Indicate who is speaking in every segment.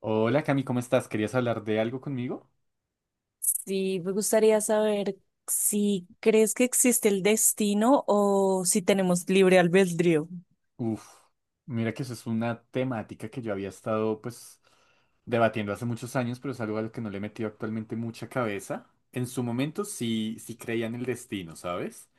Speaker 1: Hola Cami, ¿cómo estás? ¿Querías hablar de algo conmigo?
Speaker 2: Sí, me gustaría saber si crees que existe el destino o si tenemos libre albedrío.
Speaker 1: Uf, mira que eso es una temática que yo había estado pues debatiendo hace muchos años, pero es algo a lo que no le he metido actualmente mucha cabeza. En su momento sí, sí creía en el destino, ¿sabes?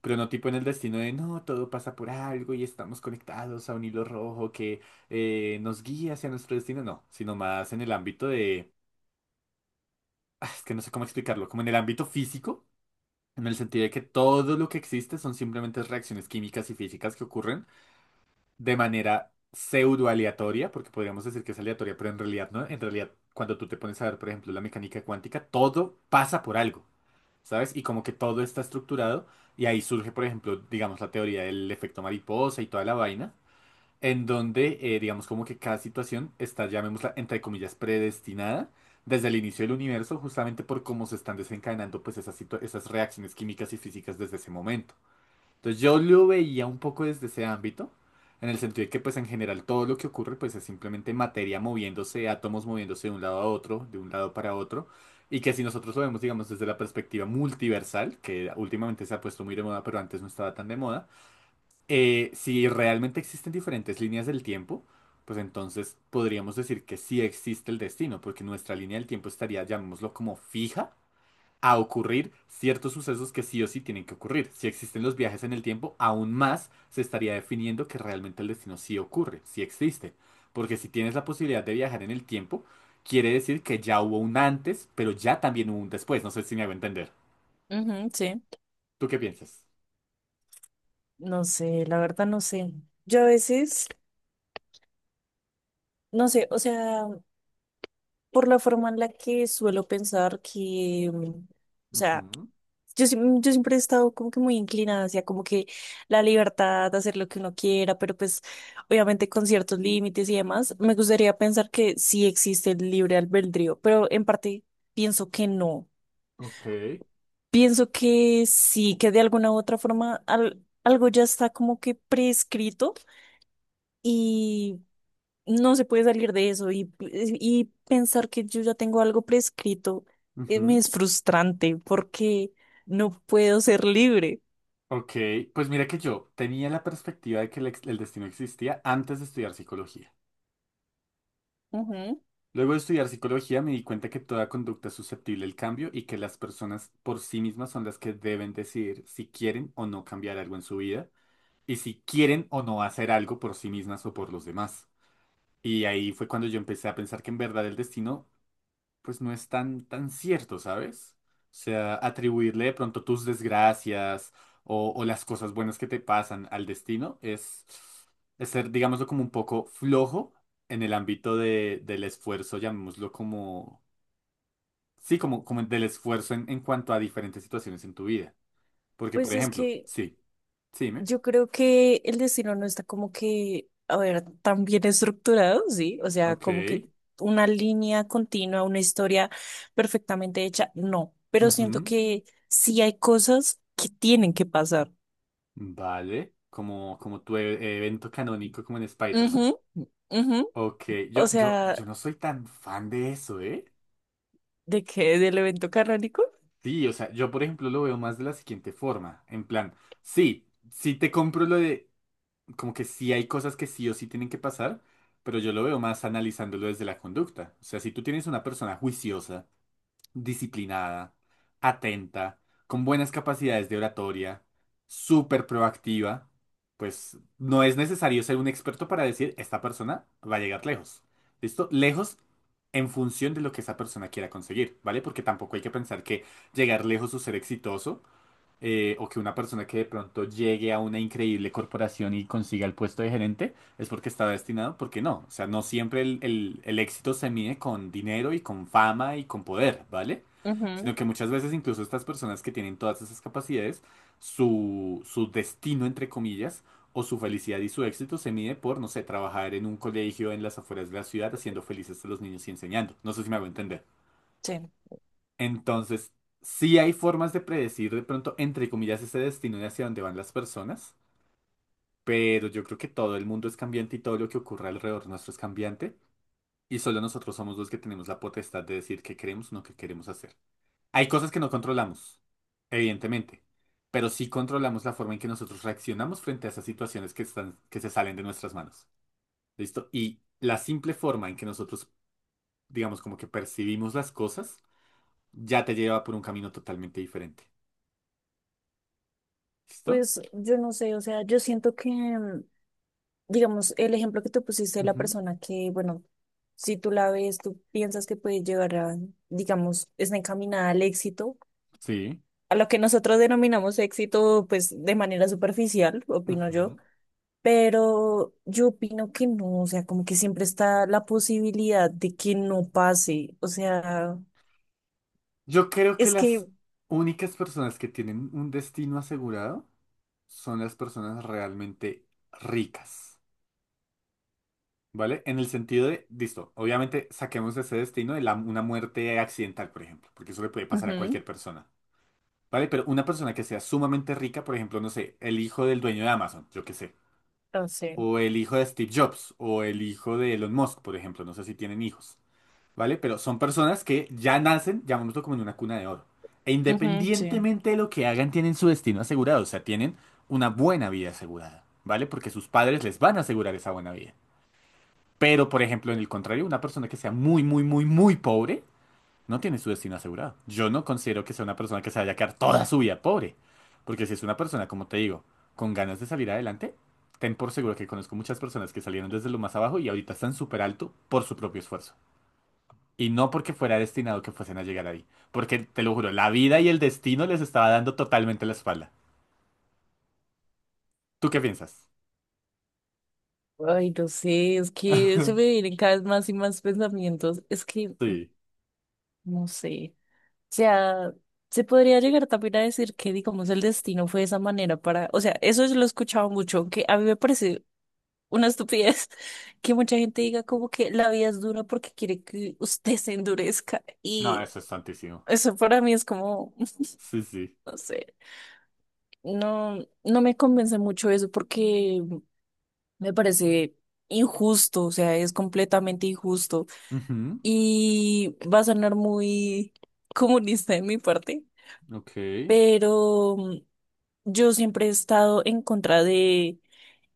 Speaker 1: Pero no tipo en el destino de no, todo pasa por algo y estamos conectados a un hilo rojo que nos guía hacia nuestro destino, no, sino más en el ámbito de... Ah, es que no sé cómo explicarlo, como en el ámbito físico. En el sentido de que todo lo que existe son simplemente reacciones químicas y físicas que ocurren de manera pseudo aleatoria, porque podríamos decir que es aleatoria, pero en realidad no. En realidad, cuando tú te pones a ver, por ejemplo, la mecánica cuántica, todo pasa por algo, ¿sabes? Y como que todo está estructurado y ahí surge, por ejemplo, digamos, la teoría del efecto mariposa y toda la vaina en donde, digamos, como que cada situación está, llamémosla, entre comillas, predestinada desde el inicio del universo, justamente por cómo se están desencadenando, pues, esas, esas reacciones químicas y físicas desde ese momento. Entonces, yo lo veía un poco desde ese ámbito, en el sentido de que, pues, en general, todo lo que ocurre, pues, es simplemente materia moviéndose, átomos moviéndose de un lado a otro, de un lado para otro. Y que si nosotros lo vemos, digamos, desde la perspectiva multiversal, que últimamente se ha puesto muy de moda, pero antes no estaba tan de moda, si realmente existen diferentes líneas del tiempo, pues entonces podríamos decir que sí existe el destino, porque nuestra línea del tiempo estaría, llamémoslo como fija, a ocurrir ciertos sucesos que sí o sí tienen que ocurrir. Si existen los viajes en el tiempo, aún más se estaría definiendo que realmente el destino sí ocurre, sí existe. Porque si tienes la posibilidad de viajar en el tiempo, quiere decir que ya hubo un antes, pero ya también hubo un después. No sé si me hago entender.
Speaker 2: Ujú, sí,
Speaker 1: ¿Tú qué piensas?
Speaker 2: no sé, la verdad no sé. Yo a veces, no sé, o sea, por la forma en la que suelo pensar que, o sea,
Speaker 1: Ujú.
Speaker 2: yo siempre he estado como que muy inclinada hacia como que la libertad de hacer lo que uno quiera, pero pues obviamente con ciertos límites y demás, me gustaría pensar que sí existe el libre albedrío, pero en parte pienso que no.
Speaker 1: Ok.
Speaker 2: Pienso que sí, que de alguna u otra forma algo ya está como que prescrito y no se puede salir de eso y pensar que yo ya tengo algo prescrito me
Speaker 1: Ujú.
Speaker 2: es frustrante porque no puedo ser libre.
Speaker 1: Ok, pues mira que yo tenía la perspectiva de que el destino existía antes de estudiar psicología.
Speaker 2: Ujú.
Speaker 1: Luego de estudiar psicología me di cuenta que toda conducta es susceptible al cambio y que las personas por sí mismas son las que deben decidir si quieren o no cambiar algo en su vida y si quieren o no hacer algo por sí mismas o por los demás. Y ahí fue cuando yo empecé a pensar que en verdad el destino pues no es tan, tan cierto, ¿sabes? O sea, atribuirle de pronto tus desgracias o, las cosas buenas que te pasan al destino es ser, digámoslo, como un poco flojo en el ámbito de, del esfuerzo, llamémoslo como, sí, como, como del esfuerzo en cuanto a diferentes situaciones en tu vida. Porque, por
Speaker 2: Pues es
Speaker 1: ejemplo,
Speaker 2: que
Speaker 1: sí, sí, dime.
Speaker 2: yo creo que el destino no está como que, a ver, tan bien estructurado, sí, o sea,
Speaker 1: Ok,
Speaker 2: como que una línea continua, una historia perfectamente hecha, no, pero siento
Speaker 1: ujú,
Speaker 2: que sí hay cosas que tienen que pasar.
Speaker 1: vale, como, como tu evento canónico como en Spider-Man.
Speaker 2: Ujú, ujú.
Speaker 1: Ok,
Speaker 2: O
Speaker 1: yo, yo,
Speaker 2: sea,
Speaker 1: yo no soy tan fan de eso, ¿eh?
Speaker 2: ¿de qué? ¿Del evento canónico?
Speaker 1: Sí, o sea, yo por ejemplo lo veo más de la siguiente forma, en plan, sí, sí te compro lo de, como que sí hay cosas que sí o sí tienen que pasar, pero yo lo veo más analizándolo desde la conducta. O sea, si tú tienes una persona juiciosa, disciplinada, atenta, con buenas capacidades de oratoria, súper proactiva, pues no es necesario ser un experto para decir esta persona va a llegar lejos. ¿Listo? Lejos en función de lo que esa persona quiera conseguir, ¿vale? Porque tampoco hay que pensar que llegar lejos o ser exitoso, o que una persona que de pronto llegue a una increíble corporación y consiga el puesto de gerente, es porque está destinado, porque no. O sea, no siempre el éxito se mide con dinero y con fama y con poder, ¿vale?
Speaker 2: Ujú,
Speaker 1: Sino que muchas veces incluso estas personas que tienen todas esas capacidades, su destino, entre comillas, o su felicidad y su éxito se mide por, no sé, trabajar en un colegio en las afueras de la ciudad haciendo felices a los niños y enseñando. No sé si me hago entender.
Speaker 2: sí.
Speaker 1: Entonces, sí hay formas de predecir de pronto, entre comillas, ese destino de hacia dónde van las personas, pero yo creo que todo el mundo es cambiante y todo lo que ocurre alrededor nuestro es cambiante y solo nosotros somos los que tenemos la potestad de decir qué queremos o no qué queremos hacer. Hay cosas que no controlamos, evidentemente, pero sí controlamos la forma en que nosotros reaccionamos frente a esas situaciones que están, que se salen de nuestras manos. ¿Listo? Y la simple forma en que nosotros, digamos, como que percibimos las cosas, ya te lleva por un camino totalmente diferente. ¿Listo?
Speaker 2: Pues yo no sé, o sea, yo siento que, digamos, el ejemplo que tú pusiste de la
Speaker 1: Ujú.
Speaker 2: persona que, bueno, si tú la ves, tú piensas que puede llegar a, digamos, está encaminada al éxito,
Speaker 1: Sí.
Speaker 2: a lo que nosotros denominamos éxito, pues de manera superficial, opino yo,
Speaker 1: Ujú.
Speaker 2: pero yo opino que no, o sea, como que siempre está la posibilidad de que no pase, o sea,
Speaker 1: Yo creo que
Speaker 2: es que,
Speaker 1: las únicas personas que tienen un destino asegurado son las personas realmente ricas, ¿vale? En el sentido de, listo, obviamente saquemos ese destino de una muerte accidental, por ejemplo, porque eso le puede pasar a
Speaker 2: ujú,
Speaker 1: cualquier persona, ¿vale? Pero una persona que sea sumamente rica, por ejemplo, no sé, el hijo del dueño de Amazon, yo qué sé,
Speaker 2: no sé,
Speaker 1: o el hijo de Steve Jobs, o el hijo de Elon Musk, por ejemplo, no sé si tienen hijos. ¿Vale? Pero son personas que ya nacen, llamémoslo como en una cuna de oro. E
Speaker 2: ujú, sí.
Speaker 1: independientemente de lo que hagan, tienen su destino asegurado, o sea, tienen una buena vida asegurada, ¿vale? Porque sus padres les van a asegurar esa buena vida. Pero, por ejemplo, en el contrario, una persona que sea muy, muy, muy, muy pobre, no tiene su destino asegurado. Yo no considero que sea una persona que se vaya a quedar toda su vida pobre. Porque si es una persona, como te digo, con ganas de salir adelante, ten por seguro que conozco muchas personas que salieron desde lo más abajo y ahorita están súper alto por su propio esfuerzo. Y no porque fuera destinado que fuesen a llegar ahí. Porque, te lo juro, la vida y el destino les estaba dando totalmente la espalda. ¿Tú qué piensas?
Speaker 2: Ay, no sé, es que se me vienen cada vez más y más pensamientos, es que,
Speaker 1: Sí.
Speaker 2: no sé, o sea, se podría llegar también a decir que, digamos, el destino fue de esa manera para, o sea, eso yo lo he escuchado mucho, que a mí me parece una estupidez que mucha gente diga como que la vida es dura porque quiere que usted se endurezca
Speaker 1: No,
Speaker 2: y
Speaker 1: eso es santísimo.
Speaker 2: eso para mí es como,
Speaker 1: Sí, sí.
Speaker 2: no sé, no me convence mucho eso porque me parece injusto, o sea, es completamente injusto
Speaker 1: Ujú.
Speaker 2: y va a sonar muy comunista de mi parte,
Speaker 1: Ok,
Speaker 2: pero yo siempre he estado en contra de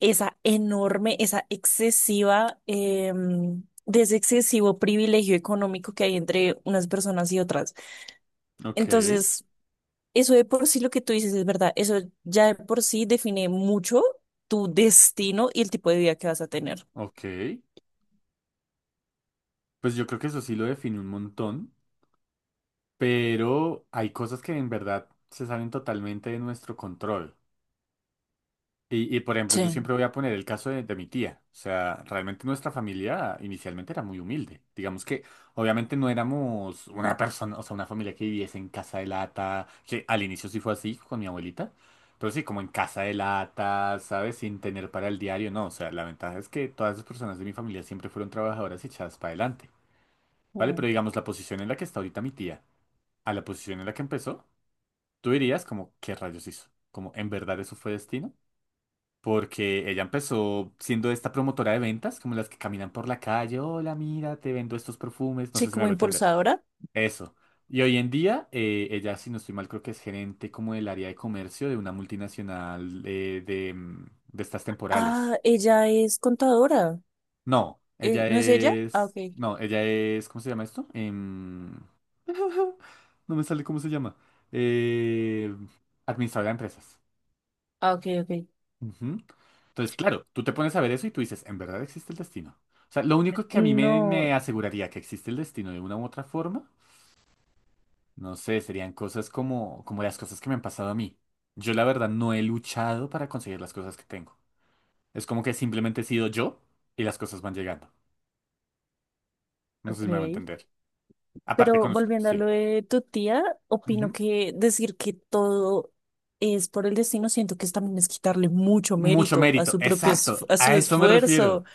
Speaker 2: esa enorme, de ese excesivo privilegio económico que hay entre unas personas y otras.
Speaker 1: ok,
Speaker 2: Entonces, eso de por sí lo que tú dices es verdad, eso ya de por sí define mucho tu destino y el tipo de vida que vas a tener.
Speaker 1: ok. Pues yo creo que eso sí lo define un montón, pero hay cosas que en verdad se salen totalmente de nuestro control. Y, por ejemplo, yo
Speaker 2: Sí.
Speaker 1: siempre voy a poner el caso de mi tía. O sea, realmente nuestra familia inicialmente era muy humilde. Digamos que obviamente no éramos una persona, o sea, una familia que viviese en casa de lata, que al inicio sí fue así con mi abuelita, pero sí, como en casa de lata, ¿sabes? Sin tener para el diario, no. O sea, la ventaja es que todas las personas de mi familia siempre fueron trabajadoras y echadas para adelante. ¿Vale?
Speaker 2: Mm.
Speaker 1: Pero digamos, la posición en la que está ahorita mi tía, a la posición en la que empezó, tú dirías como, ¿qué rayos hizo? Como, ¿en verdad eso fue destino? Porque ella empezó siendo esta promotora de ventas, como las que caminan por la calle, hola, mira, te vendo estos perfumes, no
Speaker 2: Sí,
Speaker 1: sé si me
Speaker 2: como
Speaker 1: hago entender.
Speaker 2: impulsadora.
Speaker 1: Eso. Y hoy en día, ella, si no estoy mal, creo que es gerente como del área de comercio de una multinacional, de, de estas temporales.
Speaker 2: Ah, ella es contadora.
Speaker 1: No, ella
Speaker 2: ¿No es ella? Ah, ok.
Speaker 1: es... No, ella es... ¿Cómo se llama esto? Em, no me sale cómo se llama. Eh, Administradora de empresas.
Speaker 2: Ah, ok, ok.
Speaker 1: Ujú. Entonces, claro, tú te pones a ver eso y tú dices, ¿en verdad existe el destino? O sea, lo único que a mí me,
Speaker 2: No,
Speaker 1: me aseguraría que existe el destino de una u otra forma, no sé, serían cosas como, como las cosas que me han pasado a mí. Yo la verdad no he luchado para conseguir las cosas que tengo. Es como que simplemente he sido yo y las cosas van llegando. No sé si
Speaker 2: ok.
Speaker 1: me va a entender. Aparte
Speaker 2: Pero
Speaker 1: con...
Speaker 2: volviendo a lo
Speaker 1: Sí.
Speaker 2: de tu tía, opino
Speaker 1: Ujú.
Speaker 2: que decir que todo es por el destino, siento que es también es quitarle mucho
Speaker 1: Mucho
Speaker 2: mérito a
Speaker 1: mérito.
Speaker 2: su propio,
Speaker 1: Exacto.
Speaker 2: a su
Speaker 1: A eso me
Speaker 2: esfuerzo.
Speaker 1: refiero.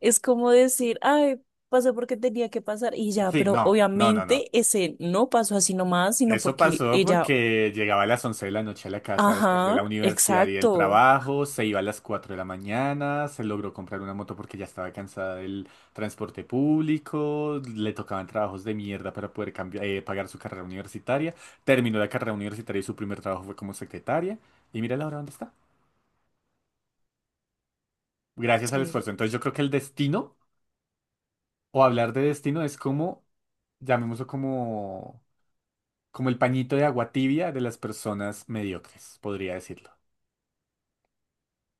Speaker 2: Es como decir, ay, pasó porque tenía que pasar y ya,
Speaker 1: Sí,
Speaker 2: pero
Speaker 1: no, no, no, no.
Speaker 2: obviamente ese no pasó así nomás, sino
Speaker 1: Eso
Speaker 2: porque
Speaker 1: pasó
Speaker 2: ella,
Speaker 1: porque llegaba a las 11 de la noche a la casa después de
Speaker 2: ajá,
Speaker 1: la universidad y del
Speaker 2: exacto.
Speaker 1: trabajo, se iba a las 4 de la mañana, se logró comprar una moto porque ya estaba cansada del transporte público, le tocaban trabajos de mierda para poder cambiar, pagar su carrera universitaria, terminó la carrera universitaria y su primer trabajo fue como secretaria y mira la hora dónde está. Gracias al
Speaker 2: Sí.
Speaker 1: esfuerzo. Entonces yo creo que el destino o hablar de destino es como, llamémoslo como, como el pañito de agua tibia de las personas mediocres, podría decirlo.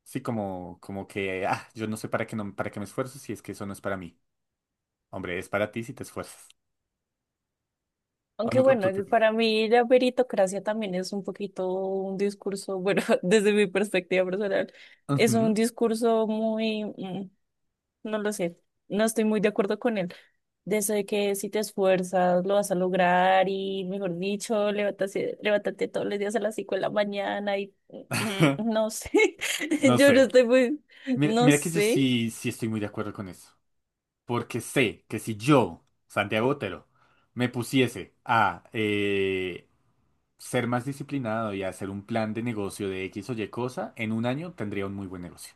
Speaker 1: Sí, como, como que, ah, yo no sé para qué, no, para qué me esfuerzo si es que eso no es para mí. Hombre, es para ti si te esfuerzas. ¿O
Speaker 2: Aunque
Speaker 1: no, o
Speaker 2: bueno,
Speaker 1: tú qué piensas?
Speaker 2: para mí la meritocracia también es un poquito un discurso, bueno, desde mi perspectiva personal, es
Speaker 1: Ujú.
Speaker 2: un discurso muy... No lo sé, no estoy muy de acuerdo con él. De eso de que si te esfuerzas lo vas a lograr y, mejor dicho, levántate todos los días a las 5 de la mañana y mm, no sé,
Speaker 1: No
Speaker 2: yo no
Speaker 1: sé.
Speaker 2: estoy muy,
Speaker 1: Mira,
Speaker 2: no
Speaker 1: mira que yo
Speaker 2: sé,
Speaker 1: sí, sí estoy muy de acuerdo con eso. Porque sé que si yo, Santiago Otero, me pusiese a ser más disciplinado y a hacer un plan de negocio de X o Y cosa, en un año tendría un muy buen negocio.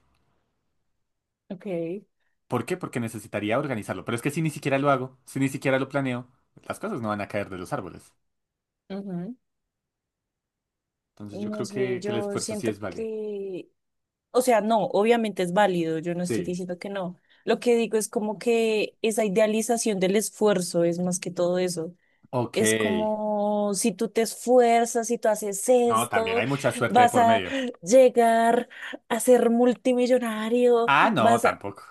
Speaker 2: ok,
Speaker 1: ¿Por qué? Porque necesitaría organizarlo. Pero es que si ni siquiera lo hago, si ni siquiera lo planeo, las cosas no van a caer de los árboles.
Speaker 2: ujú,
Speaker 1: Entonces yo
Speaker 2: no
Speaker 1: creo
Speaker 2: sé,
Speaker 1: que el
Speaker 2: yo
Speaker 1: esfuerzo sí
Speaker 2: siento
Speaker 1: es válido.
Speaker 2: que, o sea, no, obviamente es válido, yo no estoy
Speaker 1: Sí.
Speaker 2: diciendo que no. Lo que digo es como que esa idealización del esfuerzo es más que todo eso.
Speaker 1: Ok.
Speaker 2: Es como si tú te esfuerzas, si tú haces
Speaker 1: No, también
Speaker 2: esto,
Speaker 1: hay mucha suerte de
Speaker 2: vas
Speaker 1: por
Speaker 2: a
Speaker 1: medio.
Speaker 2: llegar a ser multimillonario,
Speaker 1: Ah, no,
Speaker 2: vas a,
Speaker 1: tampoco.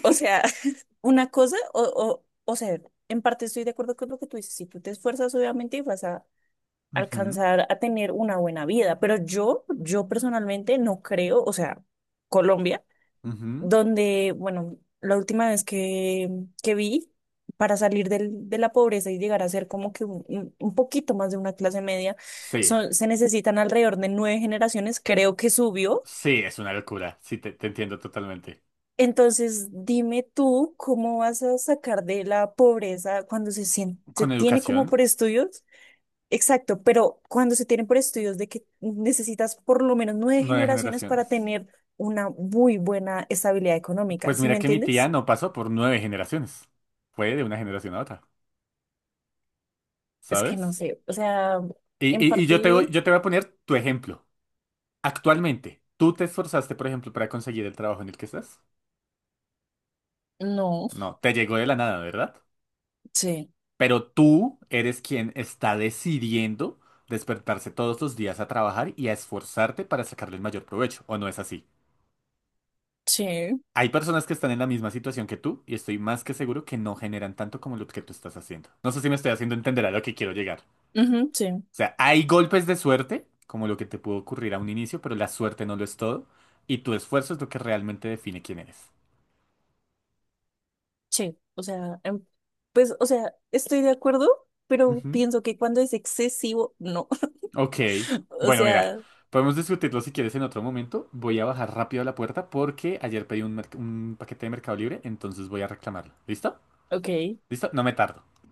Speaker 2: o sea, una cosa, o sea, en parte estoy de acuerdo con lo que tú dices, si tú te esfuerzas, obviamente vas a
Speaker 1: Ujú,
Speaker 2: alcanzar a tener una buena vida, pero yo personalmente no creo, o sea, Colombia
Speaker 1: ujú.
Speaker 2: donde, bueno, la última vez que vi, para salir de la pobreza y llegar a ser como que un, poquito más de una clase media,
Speaker 1: Sí,
Speaker 2: son, se necesitan alrededor de 9 generaciones, creo que subió.
Speaker 1: sí, es una locura. Sí, te entiendo totalmente.
Speaker 2: Entonces, dime tú, ¿cómo vas a sacar de la pobreza cuando se
Speaker 1: Con
Speaker 2: tiene
Speaker 1: educación,
Speaker 2: como por estudios? Exacto, pero cuando se tienen por estudios de que necesitas por lo menos nueve
Speaker 1: nueve
Speaker 2: generaciones para
Speaker 1: generaciones.
Speaker 2: tener una muy buena estabilidad económica,
Speaker 1: Pues
Speaker 2: ¿sí me
Speaker 1: mira que mi tía
Speaker 2: entiendes?
Speaker 1: no pasó por 9 generaciones. Fue de una generación a otra,
Speaker 2: Es que no
Speaker 1: ¿sabes?
Speaker 2: sé, o sea,
Speaker 1: Y,
Speaker 2: en
Speaker 1: y- y
Speaker 2: parte,
Speaker 1: yo te voy a poner tu ejemplo. Actualmente, ¿tú te esforzaste, por ejemplo, para conseguir el trabajo en el que estás?
Speaker 2: no,
Speaker 1: No, te llegó de la nada, ¿verdad?
Speaker 2: sí,
Speaker 1: Pero tú eres quien está decidiendo despertarse todos los días a trabajar y a esforzarte para sacarle el mayor provecho, ¿o no es así?
Speaker 2: sí,
Speaker 1: Hay personas que están en la misma situación que tú y estoy más que seguro que no generan tanto como lo que tú estás haciendo. No sé si me estoy haciendo entender a lo que quiero llegar. O
Speaker 2: ujú, sí,
Speaker 1: sea, hay golpes de suerte, como lo que te pudo ocurrir a un inicio, pero la suerte no lo es todo y tu esfuerzo es lo que realmente define quién eres.
Speaker 2: sí, o sea, pues, o sea, estoy de acuerdo, pero
Speaker 1: Ujú.
Speaker 2: pienso que cuando es excesivo, no,
Speaker 1: Ok.
Speaker 2: o
Speaker 1: Bueno, mira,
Speaker 2: sea,
Speaker 1: podemos discutirlo si quieres en otro momento. Voy a bajar rápido a la puerta porque ayer pedí un, un paquete de Mercado Libre, entonces voy a reclamarlo. ¿Listo?
Speaker 2: ok,
Speaker 1: ¿Listo? No me tardo.